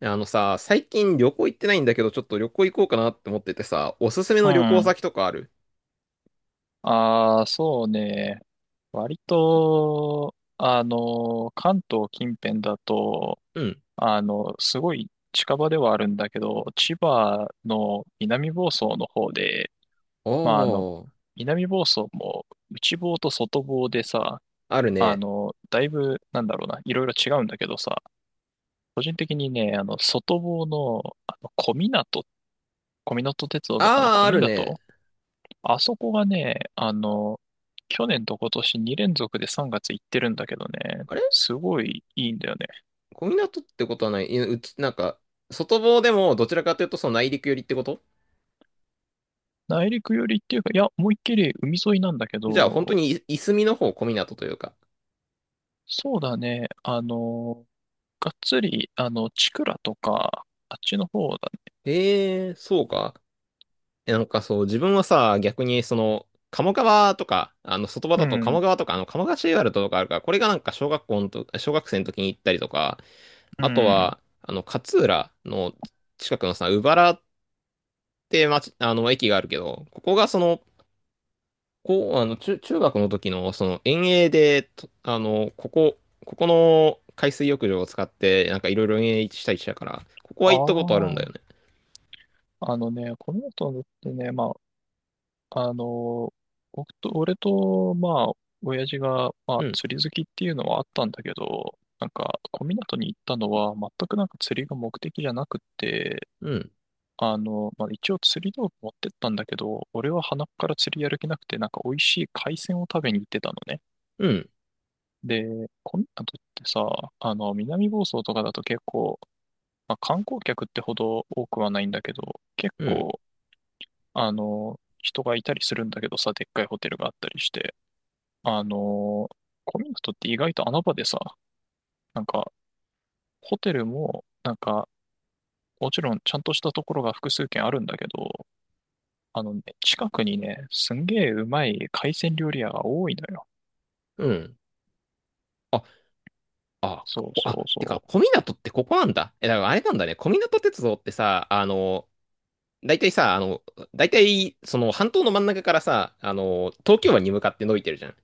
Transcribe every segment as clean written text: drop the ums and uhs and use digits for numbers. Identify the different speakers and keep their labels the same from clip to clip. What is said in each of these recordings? Speaker 1: あのさ、最近旅行行ってないんだけど、ちょっと旅行行こうかなって思っててさ、おすすめ
Speaker 2: う
Speaker 1: の旅行
Speaker 2: ん。
Speaker 1: 先とかある？
Speaker 2: ああ、そうね。割と、関東近辺だと、
Speaker 1: うん。
Speaker 2: すごい近場ではあるんだけど、千葉の南房総の方で、
Speaker 1: お
Speaker 2: まあ、
Speaker 1: ー、
Speaker 2: 南房総も内房と外房でさ、
Speaker 1: あるね。
Speaker 2: だいぶ、なんだろうな、いろいろ違うんだけどさ、個人的にね、外房の、小湊、小湊鉄道とかの
Speaker 1: あー、
Speaker 2: 小
Speaker 1: あ
Speaker 2: 湊
Speaker 1: るね。
Speaker 2: あそこがね、去年と今年2連続で3月行ってるんだけどね、
Speaker 1: あれ、
Speaker 2: すごいいいんだよね。
Speaker 1: 小湊ってことはない？いや、うち、なんか、外房でもどちらかというとその内陸寄りってこと？
Speaker 2: 内陸寄りっていうか、いや、思いっきり海沿いなんだけ
Speaker 1: じゃあ本当
Speaker 2: ど、
Speaker 1: にいすみの方、小湊というか。
Speaker 2: そうだね、がっつり、チクラとか、あっちの方だね。
Speaker 1: へー、そうか。なんかそう、自分はさ、逆にその、鴨川とか、外場
Speaker 2: う
Speaker 1: だと
Speaker 2: ん、
Speaker 1: 鴨川とか、鴨川シーワールドとかあるから、これがなんか小学生の時に行ったりとか、
Speaker 2: う
Speaker 1: あと
Speaker 2: ん。
Speaker 1: は、勝浦の近くのさ、鵜原って町、駅があるけど、ここがその、こう、中学の時の、その、遠泳で、とここの海水浴場を使って、なんかいろいろ遠泳したりしたから、ここは
Speaker 2: あ
Speaker 1: 行ったことあるんだ
Speaker 2: あ、
Speaker 1: よね。
Speaker 2: あのね、この後ってね、まあ、あの、俺と、まあ、親父が、まあ、
Speaker 1: うん、
Speaker 2: 釣り好きっていうのはあったんだけど、なんか、小湊に行ったのは、全くなんか釣りが目的じゃなくって、
Speaker 1: うん、
Speaker 2: まあ、一応釣り道具持ってったんだけど、俺は鼻から釣りやる気なくて、なんか美味しい海鮮を食べに行ってたのね。
Speaker 1: うん、
Speaker 2: で、小湊ってさ、南房総とかだと結構、まあ、観光客ってほど多くはないんだけど、結
Speaker 1: うん、
Speaker 2: 構、人がいたりするんだけどさ、でっかいホテルがあったりして。あのーコミットって意外と穴場でさ、なんか、ホテルも、なんか、もちろんちゃんとしたところが複数軒あるんだけど、あのね、近くにね、すんげえうまい海鮮料理屋が多いのよ。
Speaker 1: うん。あ、あ、
Speaker 2: そ
Speaker 1: こ
Speaker 2: う
Speaker 1: こ、
Speaker 2: そ
Speaker 1: あ、
Speaker 2: う
Speaker 1: てか、
Speaker 2: そ
Speaker 1: 小湊ってここなんだ。え、だからあれなんだね。小湊鉄道ってさ、大体さ、あの、大体、その半島の真ん中からさ、東京湾に向かって伸びてるじゃん。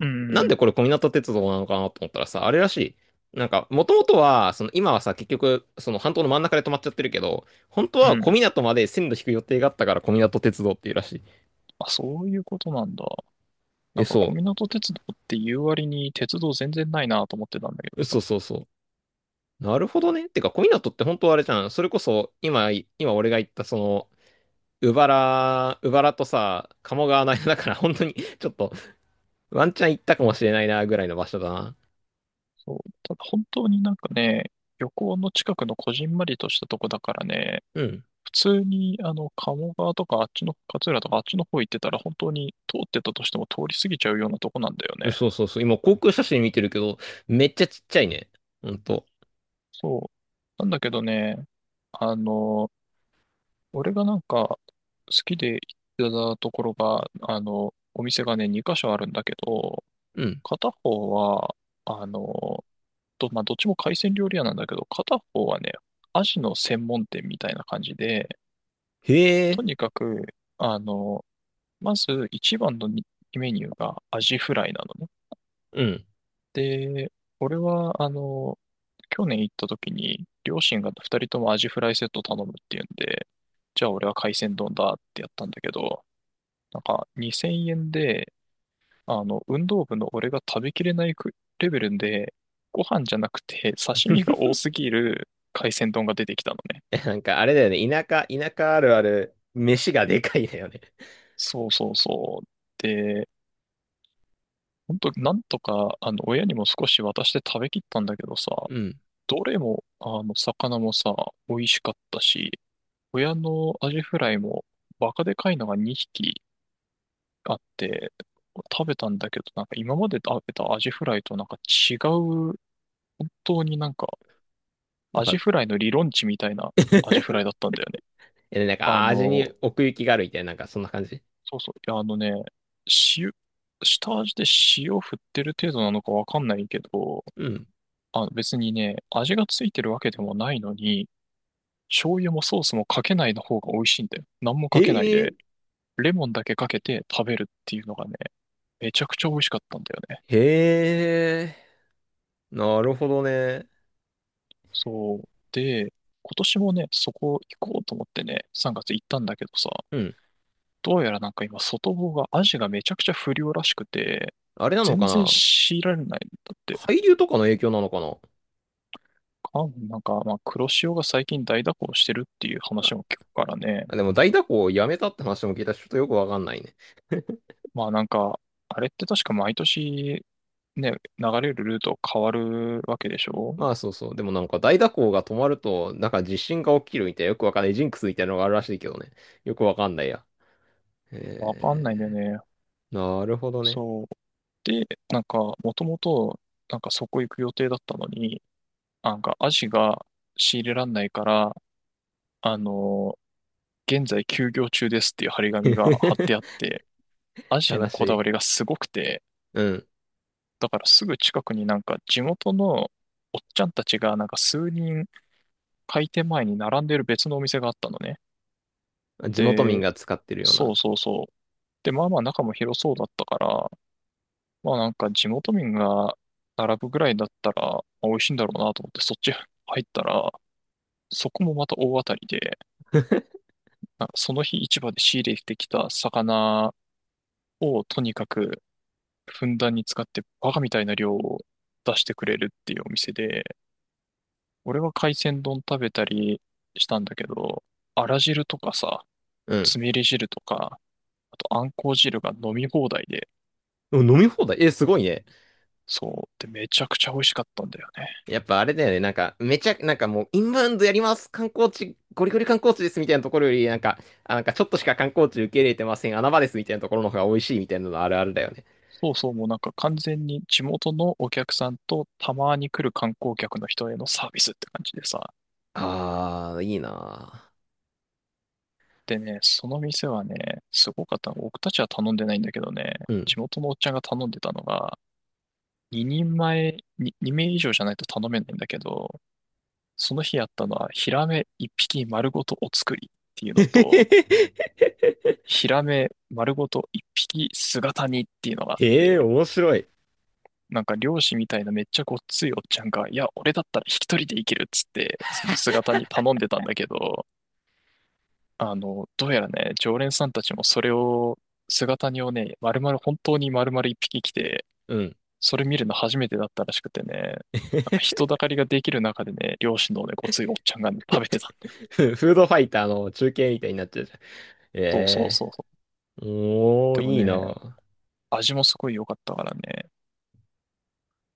Speaker 2: う。うん、
Speaker 1: なん
Speaker 2: うん。
Speaker 1: でこれ小湊鉄道なのかなと思ったらさ、あれらしい。なんか、もともとは、その今はさ、結局、その半島の真ん中で止まっちゃってるけど、本当
Speaker 2: う
Speaker 1: は
Speaker 2: ん、
Speaker 1: 小湊まで線路引く予定があったから小湊鉄道っていうらしい。
Speaker 2: あ、そういうことなんだ。な
Speaker 1: え、
Speaker 2: んか、小
Speaker 1: そ
Speaker 2: 湊鉄道って言う割に鉄道全然ないなと思ってたんだけど
Speaker 1: う。
Speaker 2: さ。
Speaker 1: そうそうそう。なるほどね。てか、小湊って本当はあれじゃん。それこそ、今俺が言ったその、うばら原、うばらとさ、鴨川の間だから、本当に、ちょっと、ワンチャン行ったかもしれないな、ぐらいの場所だな。
Speaker 2: そう。ただ本当になんかね、漁港の近くのこじんまりとしたとこだからね、
Speaker 1: うん。
Speaker 2: 普通に、鴨川とか、あっちの、勝浦とか、あっちの方行ってたら、本当に通ってたとしても通り過ぎちゃうようなとこなんだよ
Speaker 1: うん、
Speaker 2: ね。
Speaker 1: そうそうそう。今、航空写真見てるけど、めっちゃちっちゃいね。ほんと。
Speaker 2: そう。なんだけどね、あの、俺がなんか、好きで行ってたところが、お店がね、2箇所あるんだけど、
Speaker 1: うん。
Speaker 2: 片方は、あの、まあ、どっちも海鮮料理屋なんだけど、片方はね、アジの専門店みたいな感じで、
Speaker 1: へえ。
Speaker 2: とにかく、あの、まず一番のにメニューがアジフライなのね。
Speaker 1: うん。
Speaker 2: で、俺は、去年行った時に、両親が二人ともアジフライセット頼むっていうんで、じゃあ俺は海鮮丼だってやったんだけど、なんか2000円で、運動部の俺が食べきれないくレベルで、ご飯じゃなくて刺身が多すぎる海鮮丼が出てきたのね。
Speaker 1: え、なんか、あれだよね。田舎あるある、飯がでかいだよね。
Speaker 2: そうそうそう。で、本当なんとか、親にも少し渡して食べきったんだけどさ、
Speaker 1: うん。
Speaker 2: どれも、魚もさ、美味しかったし、親のアジフライもバカでかいのが2匹あって、食べたんだけど、なんか今まで食べたアジフライとなんか違う、本当になんか
Speaker 1: なん
Speaker 2: アジ
Speaker 1: か
Speaker 2: フライの理論値みたいな アジフライだったんだよね。
Speaker 1: なん
Speaker 2: あ
Speaker 1: か、味
Speaker 2: の、
Speaker 1: に奥行きがあるみたいな、なんか、そんな感じ。
Speaker 2: そうそう、いやあのね、塩、下味で塩振ってる程度なのかわかんないけど、
Speaker 1: うん。
Speaker 2: あ、別にね、味がついてるわけでもないのに、醤油もソースもかけないの方が美味しいんだよ。何もかけない
Speaker 1: へえ。
Speaker 2: で、レモンだけかけて食べるっていうのがね、めちゃくちゃ美味しかったんだよね。
Speaker 1: へえ。なるほどね。
Speaker 2: そう。で、今年もね、そこ行こうと思ってね、3月行ったんだけどさ、
Speaker 1: うん。
Speaker 2: どうやらなんか今、外房が、アジがめちゃくちゃ不良らしくて、
Speaker 1: あれなの
Speaker 2: 全
Speaker 1: か
Speaker 2: 然
Speaker 1: な。
Speaker 2: 強られないんだって。
Speaker 1: 海流とかの影響なのかな？
Speaker 2: かなんか、まあ、黒潮が最近大蛇行してるっていう話も聞くからね。
Speaker 1: あ、でも大蛇行をやめたって話も聞いたし、ちょっとよくわかんないね。
Speaker 2: まあなんか、あれって確か毎年ね、流れるルート変わるわけでしょ？
Speaker 1: まあ、そうそう。でもなんか大蛇行が止まると、なんか地震が起きるみたいな、よくわかんないジンクスみたいなのがあるらしいけどね。よくわかんないや。
Speaker 2: わかんないんだよ
Speaker 1: え
Speaker 2: ね。
Speaker 1: なるほどね。
Speaker 2: そう。で、なんか、もともと、なんかそこ行く予定だったのに、あ、なんか、アジが仕入れらんないから、あの現在休業中ですっていう張り紙が貼ってあっ て、アジへ
Speaker 1: 悲
Speaker 2: の
Speaker 1: し
Speaker 2: こだわ
Speaker 1: い。
Speaker 2: りがすごくて、
Speaker 1: うん。
Speaker 2: だからすぐ近くになんか地元のおっちゃんたちがなんか数人開店前に並んでる別のお店があったのね。
Speaker 1: 地元民
Speaker 2: で、
Speaker 1: が使ってるよう
Speaker 2: そ
Speaker 1: な。
Speaker 2: うそうそう。で、まあまあ中も広そうだったから、まあなんか地元民が並ぶぐらいだったら、まあ美味しいんだろうなと思ってそっち入ったら、そこもまた大当たりで、あ、その日市場で仕入れてきた魚をとにかくふんだんに使ってバカみたいな量を出してくれるっていうお店で、俺は海鮮丼食べたりしたんだけど、あら汁とかさ、
Speaker 1: うん。
Speaker 2: つみれ汁とか、あとあんこう汁が飲み放題で、
Speaker 1: でも飲み放題、え、すごいね。
Speaker 2: そう、でめちゃくちゃ美味しかったんだよね。
Speaker 1: やっぱあれだよね。なんか、めちゃ、なんかもう、インバウンドやります。観光地、ゴリゴリ観光地ですみたいなところより、なんか、あ、なんかちょっとしか観光地受け入れてません。穴場ですみたいなところの方が美味しいみたいなのあるあるだよね。
Speaker 2: そうそう、もうなんか完全に地元のお客さんとたまに来る観光客の人へのサービスって感じでさ、
Speaker 1: あー、いいな
Speaker 2: でね、その店はね、すごかった。僕たちは頼んでないんだけどね、
Speaker 1: ー。うん。
Speaker 2: 地元のおっちゃんが頼んでたのが、2人前、に2名以上じゃないと頼めないんだけど、その日やったのは、ヒラメ1匹丸ごとお作りっていうのと、ヒラメ丸ごと1匹姿煮っていうのがあっ
Speaker 1: へえ、
Speaker 2: て、
Speaker 1: 面白い。
Speaker 2: なんか漁師みたいなめっちゃごっついおっちゃんが、いや、俺だったら引き取りでいけるっつって、その姿煮頼んでたんだけど、どうやらね、常連さんたちもそれを、姿煮をね、丸々、本当に丸々一匹来て、
Speaker 1: うん。
Speaker 2: それ見るの初めてだったらしくてね、なんか 人だかりができる中でね、漁師のね、ごついおっちゃんがね、食べてたんだ。
Speaker 1: フードファイターの中継みたいになっちゃうじゃん。え
Speaker 2: そうそう
Speaker 1: え、
Speaker 2: そうそう。
Speaker 1: お
Speaker 2: で
Speaker 1: ー、
Speaker 2: も
Speaker 1: いい
Speaker 2: ね、
Speaker 1: な。
Speaker 2: 味もすごい良かったからね、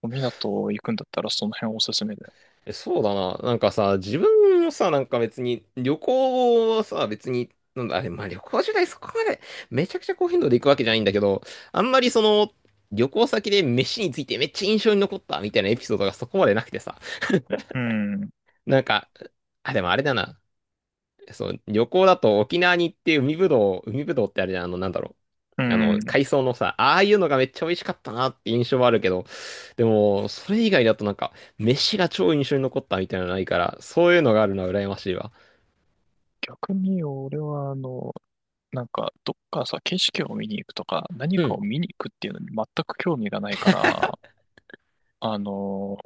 Speaker 2: お港行くんだったらその辺おすすめだよ。
Speaker 1: え、そうだな。なんかさ、自分もさ、なんか別に、旅行はさ、別に、なんだ、あれ、まあ旅行時代そこまで、めちゃくちゃ高頻度で行くわけじゃないんだけど、あんまりその、旅行先で飯についてめっちゃ印象に残ったみたいなエピソードがそこまでなくてさ、
Speaker 2: うん、
Speaker 1: なんか、あ、でもあれだな。そう、旅行だと沖縄に行って海ぶどう、海ぶどうってあれじゃん、なんだろ
Speaker 2: う
Speaker 1: う。
Speaker 2: ん。
Speaker 1: 海藻のさ、ああいうのがめっちゃ美味しかったなって印象はあるけど、でも、それ以外だとなんか、飯が超印象に残ったみたいなのないから、そういうのがあるのは羨ましいわ。
Speaker 2: 逆に俺はなんか、どっかさ、景色を見に行くとか、何
Speaker 1: う
Speaker 2: か
Speaker 1: ん。
Speaker 2: を見に行くっていうのに全く興味がないから、あの、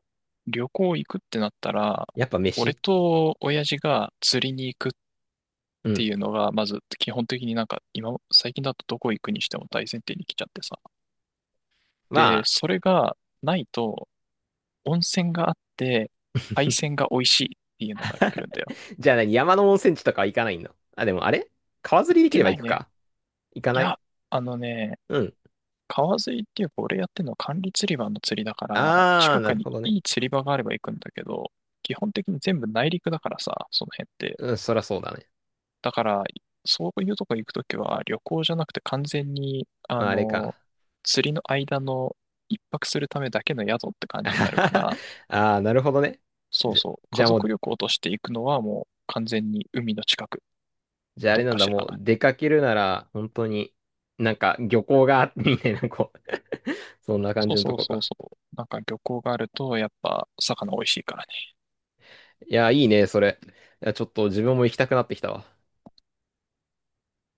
Speaker 2: 旅行行くってなったら、
Speaker 1: やっぱ
Speaker 2: 俺
Speaker 1: 飯。
Speaker 2: と親父が釣りに行くっ
Speaker 1: う
Speaker 2: て
Speaker 1: ん。
Speaker 2: いうのが、まず基本的になんか今、最近だとどこ行くにしても大前提に来ちゃってさ。
Speaker 1: ま
Speaker 2: で、
Speaker 1: あ、
Speaker 2: それがないと、温泉があって、海鮮が美味しいっていうのが来るんだよ。
Speaker 1: じゃあ何山の温泉地とかは行かないの？あ、でもあれ、川
Speaker 2: 行
Speaker 1: 釣
Speaker 2: っ
Speaker 1: りでき
Speaker 2: て
Speaker 1: れば
Speaker 2: ない
Speaker 1: 行く
Speaker 2: ね。
Speaker 1: か。行か
Speaker 2: い
Speaker 1: ない。
Speaker 2: や、あのね、
Speaker 1: うん。
Speaker 2: 川釣りっていうか俺やってるのは管理釣り場の釣りだから、
Speaker 1: あ
Speaker 2: 近
Speaker 1: ー、な
Speaker 2: く
Speaker 1: る
Speaker 2: に
Speaker 1: ほどね。
Speaker 2: いい釣り場があれば行くんだけど、基本的に全部内陸だからさ、その辺って。
Speaker 1: うん、そらそうだね。
Speaker 2: だから、そういうとこ行くときは、旅行じゃなくて完全に、
Speaker 1: まあ、あれか。
Speaker 2: 釣りの間の一泊するためだけの宿って感
Speaker 1: あ
Speaker 2: じに
Speaker 1: は
Speaker 2: なる
Speaker 1: は
Speaker 2: か
Speaker 1: は
Speaker 2: ら、
Speaker 1: あー、なるほどね。
Speaker 2: そう
Speaker 1: じゃ、
Speaker 2: そう、
Speaker 1: じ
Speaker 2: 家
Speaker 1: ゃあも
Speaker 2: 族
Speaker 1: う
Speaker 2: 旅行として行くのはもう完全に海の近く、
Speaker 1: じゃああ
Speaker 2: ど
Speaker 1: れ
Speaker 2: っ
Speaker 1: なん
Speaker 2: か
Speaker 1: だ、
Speaker 2: し
Speaker 1: もう
Speaker 2: ら。
Speaker 1: 出かけるなら、本当に、なんか漁港が、みたいな、こう そんな感
Speaker 2: そう
Speaker 1: じのと
Speaker 2: そう
Speaker 1: こ
Speaker 2: そう
Speaker 1: か。
Speaker 2: そう。なんか漁港があると、やっぱ魚美味しいからね。
Speaker 1: いや、いいね、それ。いや、ちょっと自分も行きたくなってきたわ。